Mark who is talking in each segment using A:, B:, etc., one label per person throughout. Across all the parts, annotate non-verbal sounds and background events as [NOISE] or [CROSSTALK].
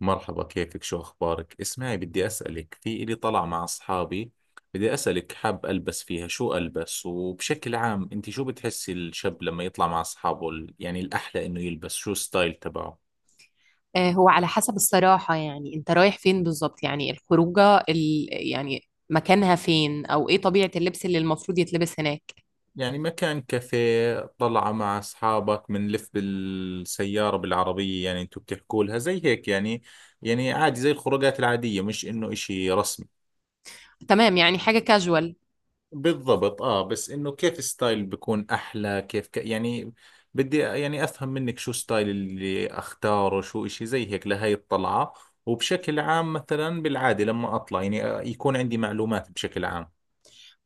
A: مرحبا، كيفك؟ شو أخبارك؟ اسمعي، بدي أسألك في إلي طلع مع أصحابي. بدي أسألك، حاب ألبس فيها، شو ألبس؟ وبشكل عام أنت شو بتحسي الشاب لما يطلع مع أصحابه يعني الأحلى إنه يلبس؟ شو ستايل تبعه؟
B: آه، هو على حسب الصراحة. يعني انت رايح فين بالظبط؟ يعني الخروجة يعني مكانها فين او ايه طبيعة اللبس اللي المفروض يتلبس هناك؟
A: يعني مكان كافيه، طلعة مع أصحابك، بنلف بالسيارة، بالعربية، يعني أنتوا بتحكوا لها زي هيك يعني. يعني عادي زي الخروجات العادية، مش إنه إشي رسمي.
B: تمام، يعني حاجة كاجوال.
A: بالضبط، اه، بس انه كيف ستايل بيكون احلى؟ يعني بدي يعني افهم منك شو ستايل اللي اختاره، شو اشي زي هيك لهي الطلعة. وبشكل عام مثلا بالعادة لما اطلع يعني آه، يكون عندي معلومات بشكل عام.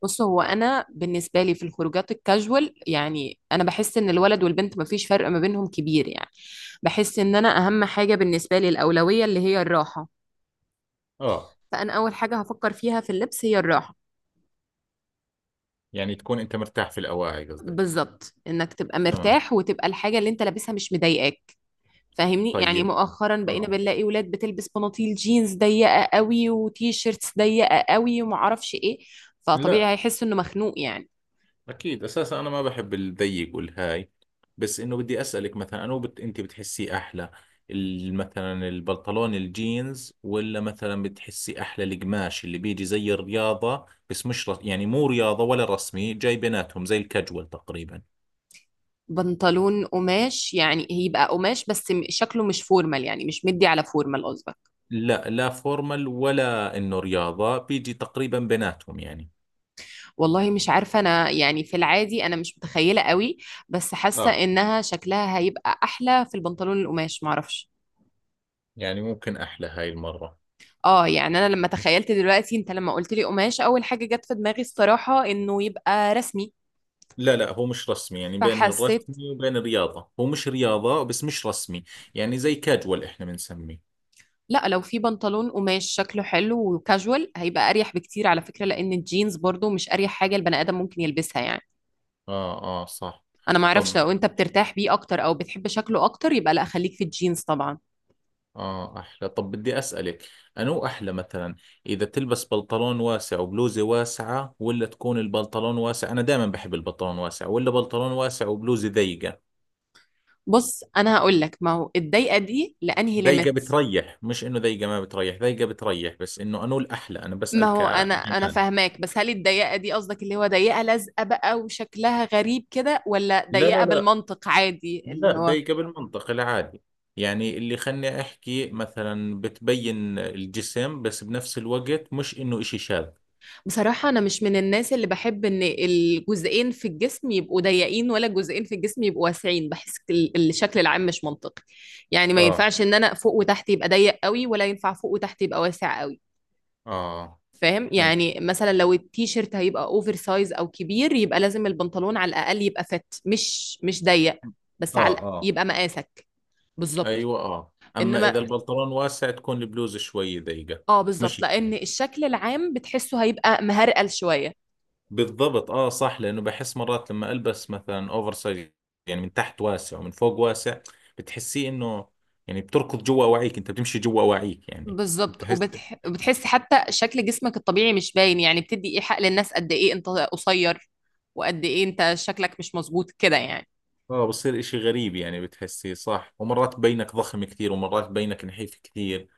B: بص، هو انا بالنسبة لي في الخروجات الكاجوال يعني انا بحس ان الولد والبنت مفيش فرق ما بينهم كبير يعني. بحس ان انا اهم حاجة بالنسبة لي الاولوية اللي هي الراحة.
A: اه.
B: فانا اول حاجة هفكر فيها في اللبس هي الراحة.
A: يعني تكون انت مرتاح في الاواعي، قصدي.
B: بالظبط، انك تبقى
A: تمام.
B: مرتاح وتبقى الحاجة اللي انت لابسها مش مضايقاك. فاهمني، يعني
A: طيب.
B: مؤخرا بقينا
A: اه.
B: بنلاقي ولاد بتلبس بناطيل جينز ضيقه قوي وتي شيرتس ضيقه قوي ومعرفش ايه. فطبيعي
A: لا،
B: هيحس انه مخنوق يعني.
A: أكيد، أساسا أنا ما بحب الضيق والهاي. بس إنه بدي أسألك مثلا، أنت بتحسيه أحلى مثلا البنطلون الجينز؟ ولا مثلا بتحسي أحلى القماش اللي بيجي زي الرياضة، بس مش رس... يعني مو رياضة ولا رسمي، جاي بيناتهم، زي الكاجوال تقريبا.
B: بنطلون قماش يعني هيبقى قماش بس شكله مش فورمال، يعني مش مدي على فورمال قصدك.
A: لا لا، فورمال ولا إنه رياضة، بيجي تقريبا بيناتهم يعني.
B: والله مش عارفه انا، يعني في العادي انا مش متخيله قوي، بس حاسه
A: آه،
B: انها شكلها هيبقى احلى في البنطلون القماش، معرفش.
A: يعني ممكن أحلى هاي المرة.
B: اه يعني انا لما تخيلت دلوقتي انت لما قلت لي قماش اول حاجه جت في دماغي الصراحه انه يبقى رسمي،
A: لا لا، هو مش رسمي، يعني بين
B: فحسيت.
A: الرسمي وبين الرياضة، هو مش رياضة بس مش رسمي. يعني زي كاجوال احنا بنسميه.
B: لا، لو في بنطلون قماش شكله حلو وكاجوال هيبقى اريح بكتير على فكرة، لان الجينز برضو مش اريح حاجة البني ادم ممكن يلبسها يعني.
A: اه اه، صح.
B: انا ما اعرفش،
A: طب،
B: لو انت بترتاح بيه اكتر او بتحب شكله اكتر يبقى لا، خليك في الجينز طبعا.
A: اه، احلى. طب بدي اسألك، انو احلى مثلا اذا تلبس بنطلون واسع وبلوزة واسعة، ولا تكون البنطلون واسع؟ انا دائما بحب البنطلون واسع. ولا بنطلون واسع وبلوزة ضيقة؟
B: بص انا هقول لك، ما هو الضيقة دي لانهي
A: ضيقة
B: ليميت.
A: بتريح، مش انه ضيقة ما بتريح، ضيقة بتريح، بس انه انو الاحلى، انا
B: ما
A: بسأل
B: هو انا
A: كجمال.
B: فاهماك، بس هل الضيقة دي قصدك اللي هو ضيقة لازقة بقى وشكلها غريب كده ولا
A: لا
B: ضيقة
A: لا لا،
B: بالمنطق عادي اللي
A: لا
B: هو.
A: ضيقة بالمنطق العادي، يعني اللي خلني أحكي مثلا بتبين الجسم، بس بنفس الوقت مش إنه إشي شاذ.
B: بصراحة أنا مش من الناس اللي بحب إن الجزئين في الجسم يبقوا ضيقين ولا الجزئين في الجسم يبقوا واسعين. بحس الشكل العام مش منطقي. يعني ما
A: اه.
B: ينفعش إن أنا فوق وتحت يبقى ضيق قوي ولا ينفع فوق وتحت يبقى واسع قوي.
A: آه،
B: فاهم،
A: فهمت.
B: يعني مثلا لو التيشيرت هيبقى أوفر سايز أو كبير يبقى لازم البنطلون على الأقل يبقى فت، مش ضيق. بس على
A: آه
B: الأقل
A: آه.
B: يبقى مقاسك. بالظبط.
A: أيوة، آه، أما إذا
B: إنما
A: البنطلون واسع تكون البلوزة شوي ضيقة،
B: آه
A: مش
B: بالظبط، لأن
A: كتير.
B: الشكل العام بتحسه هيبقى مهرقل شوية.
A: بالضبط، آه صح، لأنه بحس مرات لما ألبس مثلا أوفر سايز، يعني من تحت واسع ومن فوق واسع، بتحسيه إنه، يعني بتركض جوا أواعيك، أنت بتمشي جوا أواعيك يعني.
B: بالضبط،
A: بتحس.
B: وبتحسي حتى شكل جسمك الطبيعي مش باين يعني، بتدي ايحاء للناس قد ايه انت قصير وقد ايه انت شكلك مش مظبوط كده يعني.
A: اه، بصير اشي غريب يعني، بتحسيه صح، ومرات بينك ضخم كثير، ومرات بينك نحيف كثير.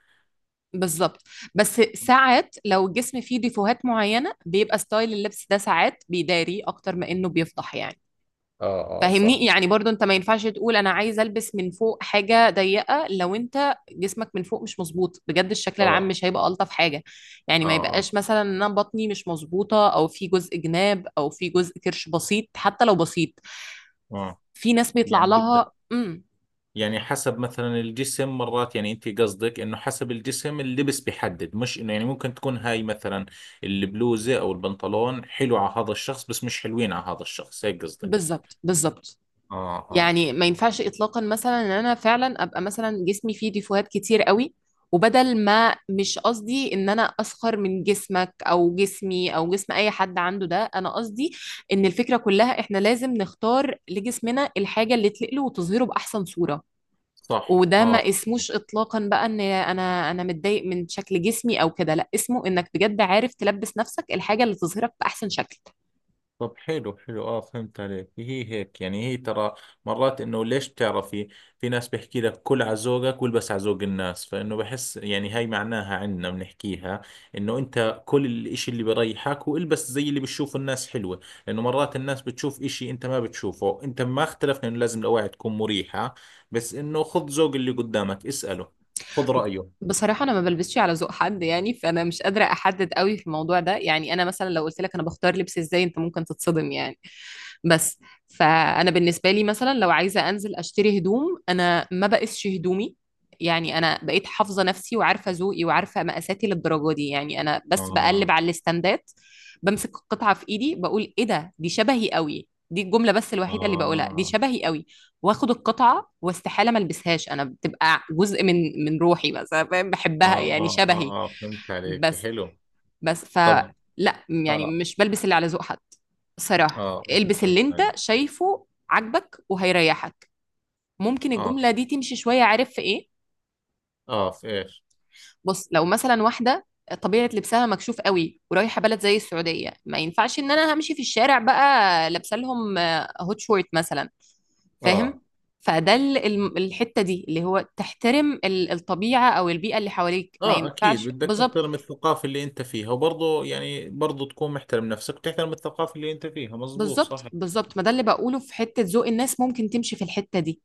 B: بالظبط. بس ساعات لو الجسم فيه ديفوهات معينة بيبقى ستايل اللبس ده ساعات بيداري اكتر ما انه بيفضح يعني.
A: اه اه
B: فاهمني،
A: صح.
B: يعني برضو انت ما ينفعش تقول انا عايز البس من فوق حاجه ضيقه لو انت جسمك من فوق مش مظبوط بجد، الشكل العام
A: اه
B: مش هيبقى الطف حاجه. يعني
A: اه
B: ما
A: اه.
B: يبقاش مثلا ان انا بطني مش مظبوطه او في جزء جناب او في جزء كرش بسيط، حتى لو بسيط.
A: اه.
B: في ناس بيطلع
A: يعني بدك،
B: لها
A: يعني حسب مثلا الجسم مرات، يعني انت قصدك انه حسب الجسم اللبس بيحدد، مش انه، يعني ممكن تكون هاي مثلا البلوزة او البنطلون حلو على هذا الشخص بس مش حلوين على هذا الشخص، هيك قصدك؟
B: بالظبط بالظبط.
A: اه اه
B: يعني ما ينفعش اطلاقا مثلا ان انا فعلا ابقى مثلا جسمي فيه ديفوهات كتير قوي. وبدل ما مش قصدي ان انا اسخر من جسمك او جسمي او جسم اي حد عنده، ده انا قصدي ان الفكرة كلها احنا لازم نختار لجسمنا الحاجة اللي تليق له وتظهره باحسن صورة.
A: صح.
B: وده
A: اه.
B: ما اسموش اطلاقا بقى ان انا متضايق من شكل جسمي او كده، لا، اسمه انك بجد عارف تلبس نفسك الحاجة اللي تظهرك باحسن شكل.
A: طب حلو حلو، اه، فهمت عليك. هي هيك يعني، هي ترى مرات انه ليش بتعرفي، في ناس بيحكي لك كل على ذوقك والبس على ذوق الناس، فانه بحس يعني، هاي معناها عنا بنحكيها، انه انت كل الاشي اللي بريحك والبس زي اللي بتشوفه الناس حلوة. لانه مرات الناس بتشوف اشي انت ما بتشوفه. انت ما اختلفنا انه لازم الاواعي تكون مريحة، بس انه خذ ذوق اللي قدامك، اسأله، خذ رأيه.
B: بصراحة أنا ما بلبسش على ذوق حد يعني، فأنا مش قادرة أحدد قوي في الموضوع ده. يعني أنا مثلا لو قلت لك أنا بختار لبس إزاي أنت ممكن تتصدم يعني. بس فانا بالنسبه لي مثلا لو عايزه انزل اشتري هدوم انا ما بقيسش هدومي. يعني انا بقيت حافظه نفسي وعارفه ذوقي وعارفه مقاساتي للدرجه دي يعني. انا بس
A: اه
B: بقلب على الاستندات، بمسك القطعه في ايدي بقول ايه ده، دي شبهي قوي، دي الجمله بس الوحيده اللي بقولها، دي
A: اه
B: شبهي قوي. واخد القطعه واستحاله ما البسهاش، انا بتبقى جزء من روحي بس أنا فاهم بحبها
A: اه.
B: يعني
A: اه
B: شبهي.
A: اه، آه. فهمت عليك،
B: بس
A: حلو.
B: بس
A: طب.
B: فلا. يعني
A: آه.
B: مش بلبس اللي على ذوق حد. صراحة
A: اه اه
B: البس
A: فهمت
B: اللي انت
A: عليك.
B: شايفه عاجبك وهيريحك. ممكن
A: اه
B: الجملة دي تمشي شوية، عارف في ايه؟
A: اه، في ايش؟
B: بص، لو مثلا واحدة طبيعة لبسها مكشوف قوي ورايحة بلد زي السعودية ما ينفعش ان انا همشي في الشارع بقى لابسه لهم هوت شورت مثلا. فاهم؟
A: اه
B: فده الحتة دي اللي هو تحترم الطبيعة او البيئة اللي حواليك، ما
A: اه اكيد،
B: ينفعش.
A: بدك
B: بالظبط
A: تحترم الثقافة اللي انت فيها، وبرضه يعني برضه تكون محترم نفسك وتحترم الثقافة اللي انت فيها، مزبوط، صح.
B: بالظبط. بالظبط ما ده اللي بقوله في حتة ذوق الناس ممكن تمشي في الحتة دي.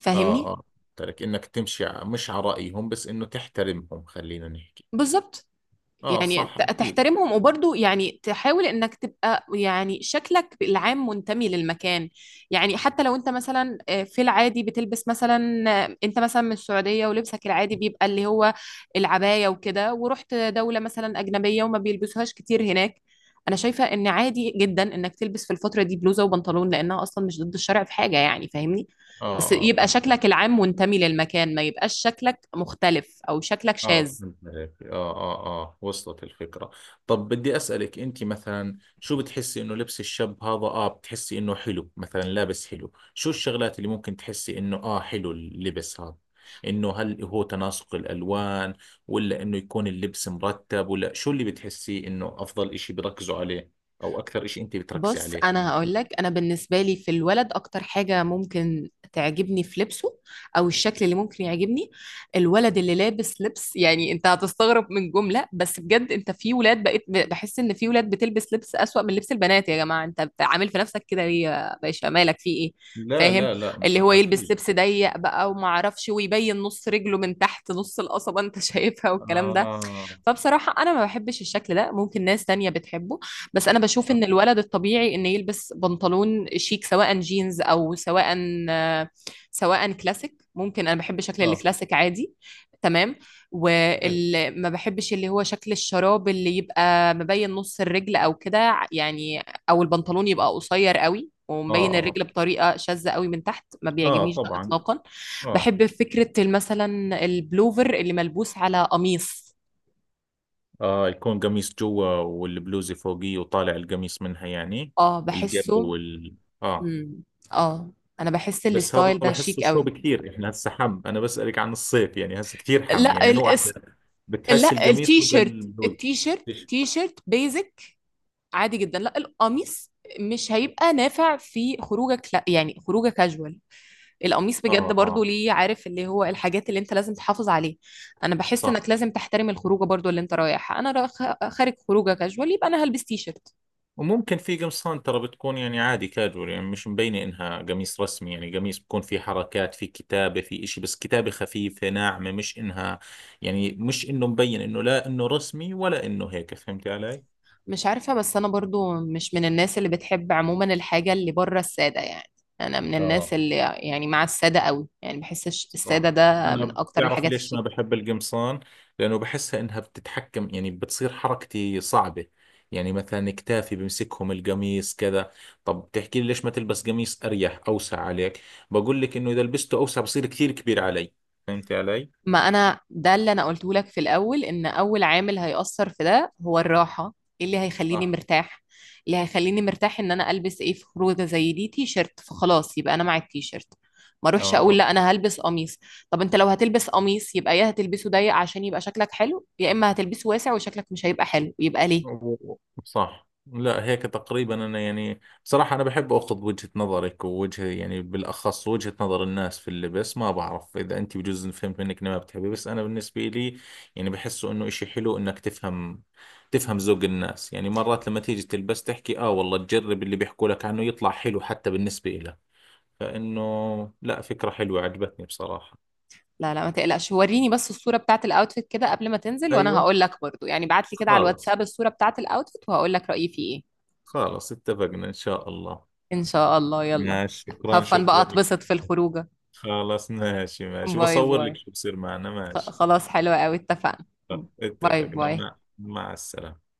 B: فاهمني.
A: اه اه. ترك انك تمشي مش على رأيهم، بس انه تحترمهم، خلينا نحكي.
B: بالظبط،
A: اه
B: يعني
A: صح، اكيد.
B: تحترمهم وبرضه يعني تحاول انك تبقى يعني شكلك العام منتمي للمكان. يعني حتى لو انت مثلا في العادي بتلبس مثلا انت مثلا من السعودية ولبسك العادي بيبقى اللي هو العباية وكده، ورحت دولة مثلا أجنبية وما بيلبسوهاش كتير هناك، انا شايفة ان عادي جدا انك تلبس في الفترة دي بلوزة وبنطلون لانها اصلا مش ضد الشرع في حاجة يعني. فاهمني؟
A: اه
B: بس
A: اه
B: يبقى
A: فهمت.
B: شكلك العام منتمي للمكان، ما يبقاش شكلك مختلف او شكلك
A: اه
B: شاذ.
A: فهمت عليك، اه اه اه، وصلت الفكرة. طب بدي أسألك، انت مثلا شو بتحسي انه لبس الشاب هذا، اه، بتحسي انه حلو؟ مثلا لابس حلو، شو الشغلات اللي ممكن تحسي انه اه حلو اللبس هذا؟ انه هل هو تناسق الألوان، ولا انه يكون اللبس مرتب، ولا شو اللي بتحسي انه افضل اشي بركزوا عليه، او اكثر اشي انت بتركزي
B: بص
A: عليه،
B: انا
A: خلينا.
B: هقول لك، انا بالنسبه لي في الولد اكتر حاجه ممكن تعجبني في لبسه او الشكل اللي ممكن يعجبني، الولد اللي لابس لبس يعني انت هتستغرب من جمله بس بجد انت في ولاد بقيت بحس ان في ولاد بتلبس لبس اسوأ من لبس البنات. يا جماعه، انت عامل في نفسك كده ليه يا باشا، مالك في ايه؟
A: لا
B: فاهم؟
A: لا لا،
B: اللي هو يلبس
A: اكيد.
B: لبس ضيق بقى وما اعرفش ويبين نص رجله من تحت نص القصبه انت [LAUGHS] شايفها والكلام ده.
A: اه
B: فبصراحة أنا ما بحبش الشكل ده، ممكن ناس تانية بتحبه. بس أنا بشوف
A: اه،
B: إن الولد الطبيعي إن يلبس بنطلون شيك سواء جينز أو سواء كلاسيك. ممكن أنا بحب شكل
A: آه.
B: الكلاسيك عادي. تمام.
A: حلو.
B: وما بحبش اللي هو شكل الشراب اللي يبقى مبين نص الرجل أو كده يعني، أو البنطلون يبقى قصير قوي
A: اه
B: ومبين
A: اه
B: الرجل بطريقة شاذة قوي من تحت، ما
A: اه،
B: بيعجبنيش ده
A: طبعا.
B: إطلاقا.
A: اه.
B: بحب فكرة مثلا البلوفر اللي ملبوس على قميص.
A: آه، يكون قميص جوا والبلوزة فوقيه، وطالع القميص منها يعني،
B: اه،
A: الجبة
B: بحسه.
A: وال، آه.
B: امم اه، انا بحس
A: بس هذا
B: الستايل ده
A: بحسه
B: شيك
A: شوب
B: قوي.
A: كثير، احنا هسه حم، انا بسألك عن الصيف، يعني هسه كثير حم،
B: لا
A: يعني انو
B: الاس...
A: احلى، بتحس
B: لا،
A: القميص
B: التي
A: ولا
B: شيرت.
A: البلوزة؟
B: التي شيرت
A: ليش؟
B: تي شيرت بيزك. عادي جدا، لا القميص مش هيبقى نافع في خروجك، لا يعني خروجك كاجوال. القميص
A: اه
B: بجد برضو،
A: اه
B: ليه؟ عارف اللي هو الحاجات اللي انت لازم تحافظ عليه. انا بحس
A: صح.
B: انك لازم تحترم الخروجه برضو اللي انت رايحها، انا رايح خارج خروجه كاجوال يبقى انا هلبس تي شيرت.
A: وممكن في قمصان ترى بتكون يعني عادي كاجوال، يعني مش مبينة انها قميص رسمي، يعني قميص بكون في حركات، في كتابة، في اشي، بس كتابة خفيفة ناعمة، مش انها، يعني مش انه مبين انه لا انه رسمي ولا انه هيك، فهمتي علي؟
B: مش عارفة، بس أنا برضو مش من الناس اللي بتحب عموما الحاجة اللي بره السادة يعني. أنا من الناس
A: اه
B: اللي يعني مع السادة قوي، يعني بحس السادة
A: صح.
B: ده من
A: أنا
B: أكتر
A: بتعرف
B: الحاجات
A: ليش ما
B: الشيك.
A: بحب القمصان؟ لأنه بحسها إنها بتتحكم، يعني بتصير حركتي صعبة، يعني مثلا كتافي بمسكهم القميص كذا. طب بتحكي لي ليش ما تلبس قميص أريح أوسع عليك؟ بقول لك إنه إذا لبسته أوسع بصير كثير كبير علي، فهمتي علي؟
B: ما انا ده اللي انا قلته لك في الاول، ان اول عامل هيأثر في ده هو الراحه. إيه اللي هيخليني
A: صح.
B: مرتاح؟ اللي هيخليني مرتاح ان انا البس ايه في خروجه زي دي تي شيرت، فخلاص يبقى انا مع التي شيرت. ما اروحش اقول
A: اه.
B: لا انا هلبس قميص. طب انت لو هتلبس قميص يبقى يا هتلبسه ضيق عشان يبقى شكلك حلو يا اما هتلبسه واسع وشكلك مش هيبقى حلو، يبقى ليه؟
A: و- صح، لا هيك تقريبا انا، يعني صراحة انا بحب اخذ وجهة نظرك ووجه يعني بالاخص وجهة نظر الناس في اللبس. ما بعرف اذا انت بجوز فهمت منك إني ما بتحبي، بس انا بالنسبة لي يعني بحسه انه اشي حلو انك تفهم، تفهم ذوق الناس، يعني مرات لما تيجي تلبس تحكي اه والله تجرب اللي بيحكوا لك عنه، يطلع حلو حتى بالنسبة لك، فانه لا، فكرة حلوة عجبتني بصراحة.
B: لا لا ما تقلقش، وريني بس الصوره بتاعت الاوتفيت كده قبل ما تنزل وانا
A: ايوه.
B: هقول لك برضو، يعني بعت لي كده على
A: خالص.
B: الواتساب الصوره بتاعت الاوتفيت وهقول لك رايي فيه ايه.
A: خالص، اتفقنا، ان شاء الله.
B: إن شاء الله، يلا.
A: ماشي، شكرا
B: هفن بقى
A: شكرا.
B: أتبسط في الخروجة.
A: خلاص، ماشي ماشي،
B: باي
A: بصور
B: باي.
A: لك شو بصير معنا، ماشي.
B: خلاص حلوة أوي، اتفقنا.
A: خلاص،
B: باي
A: اتفقنا،
B: باي.
A: مع السلامة.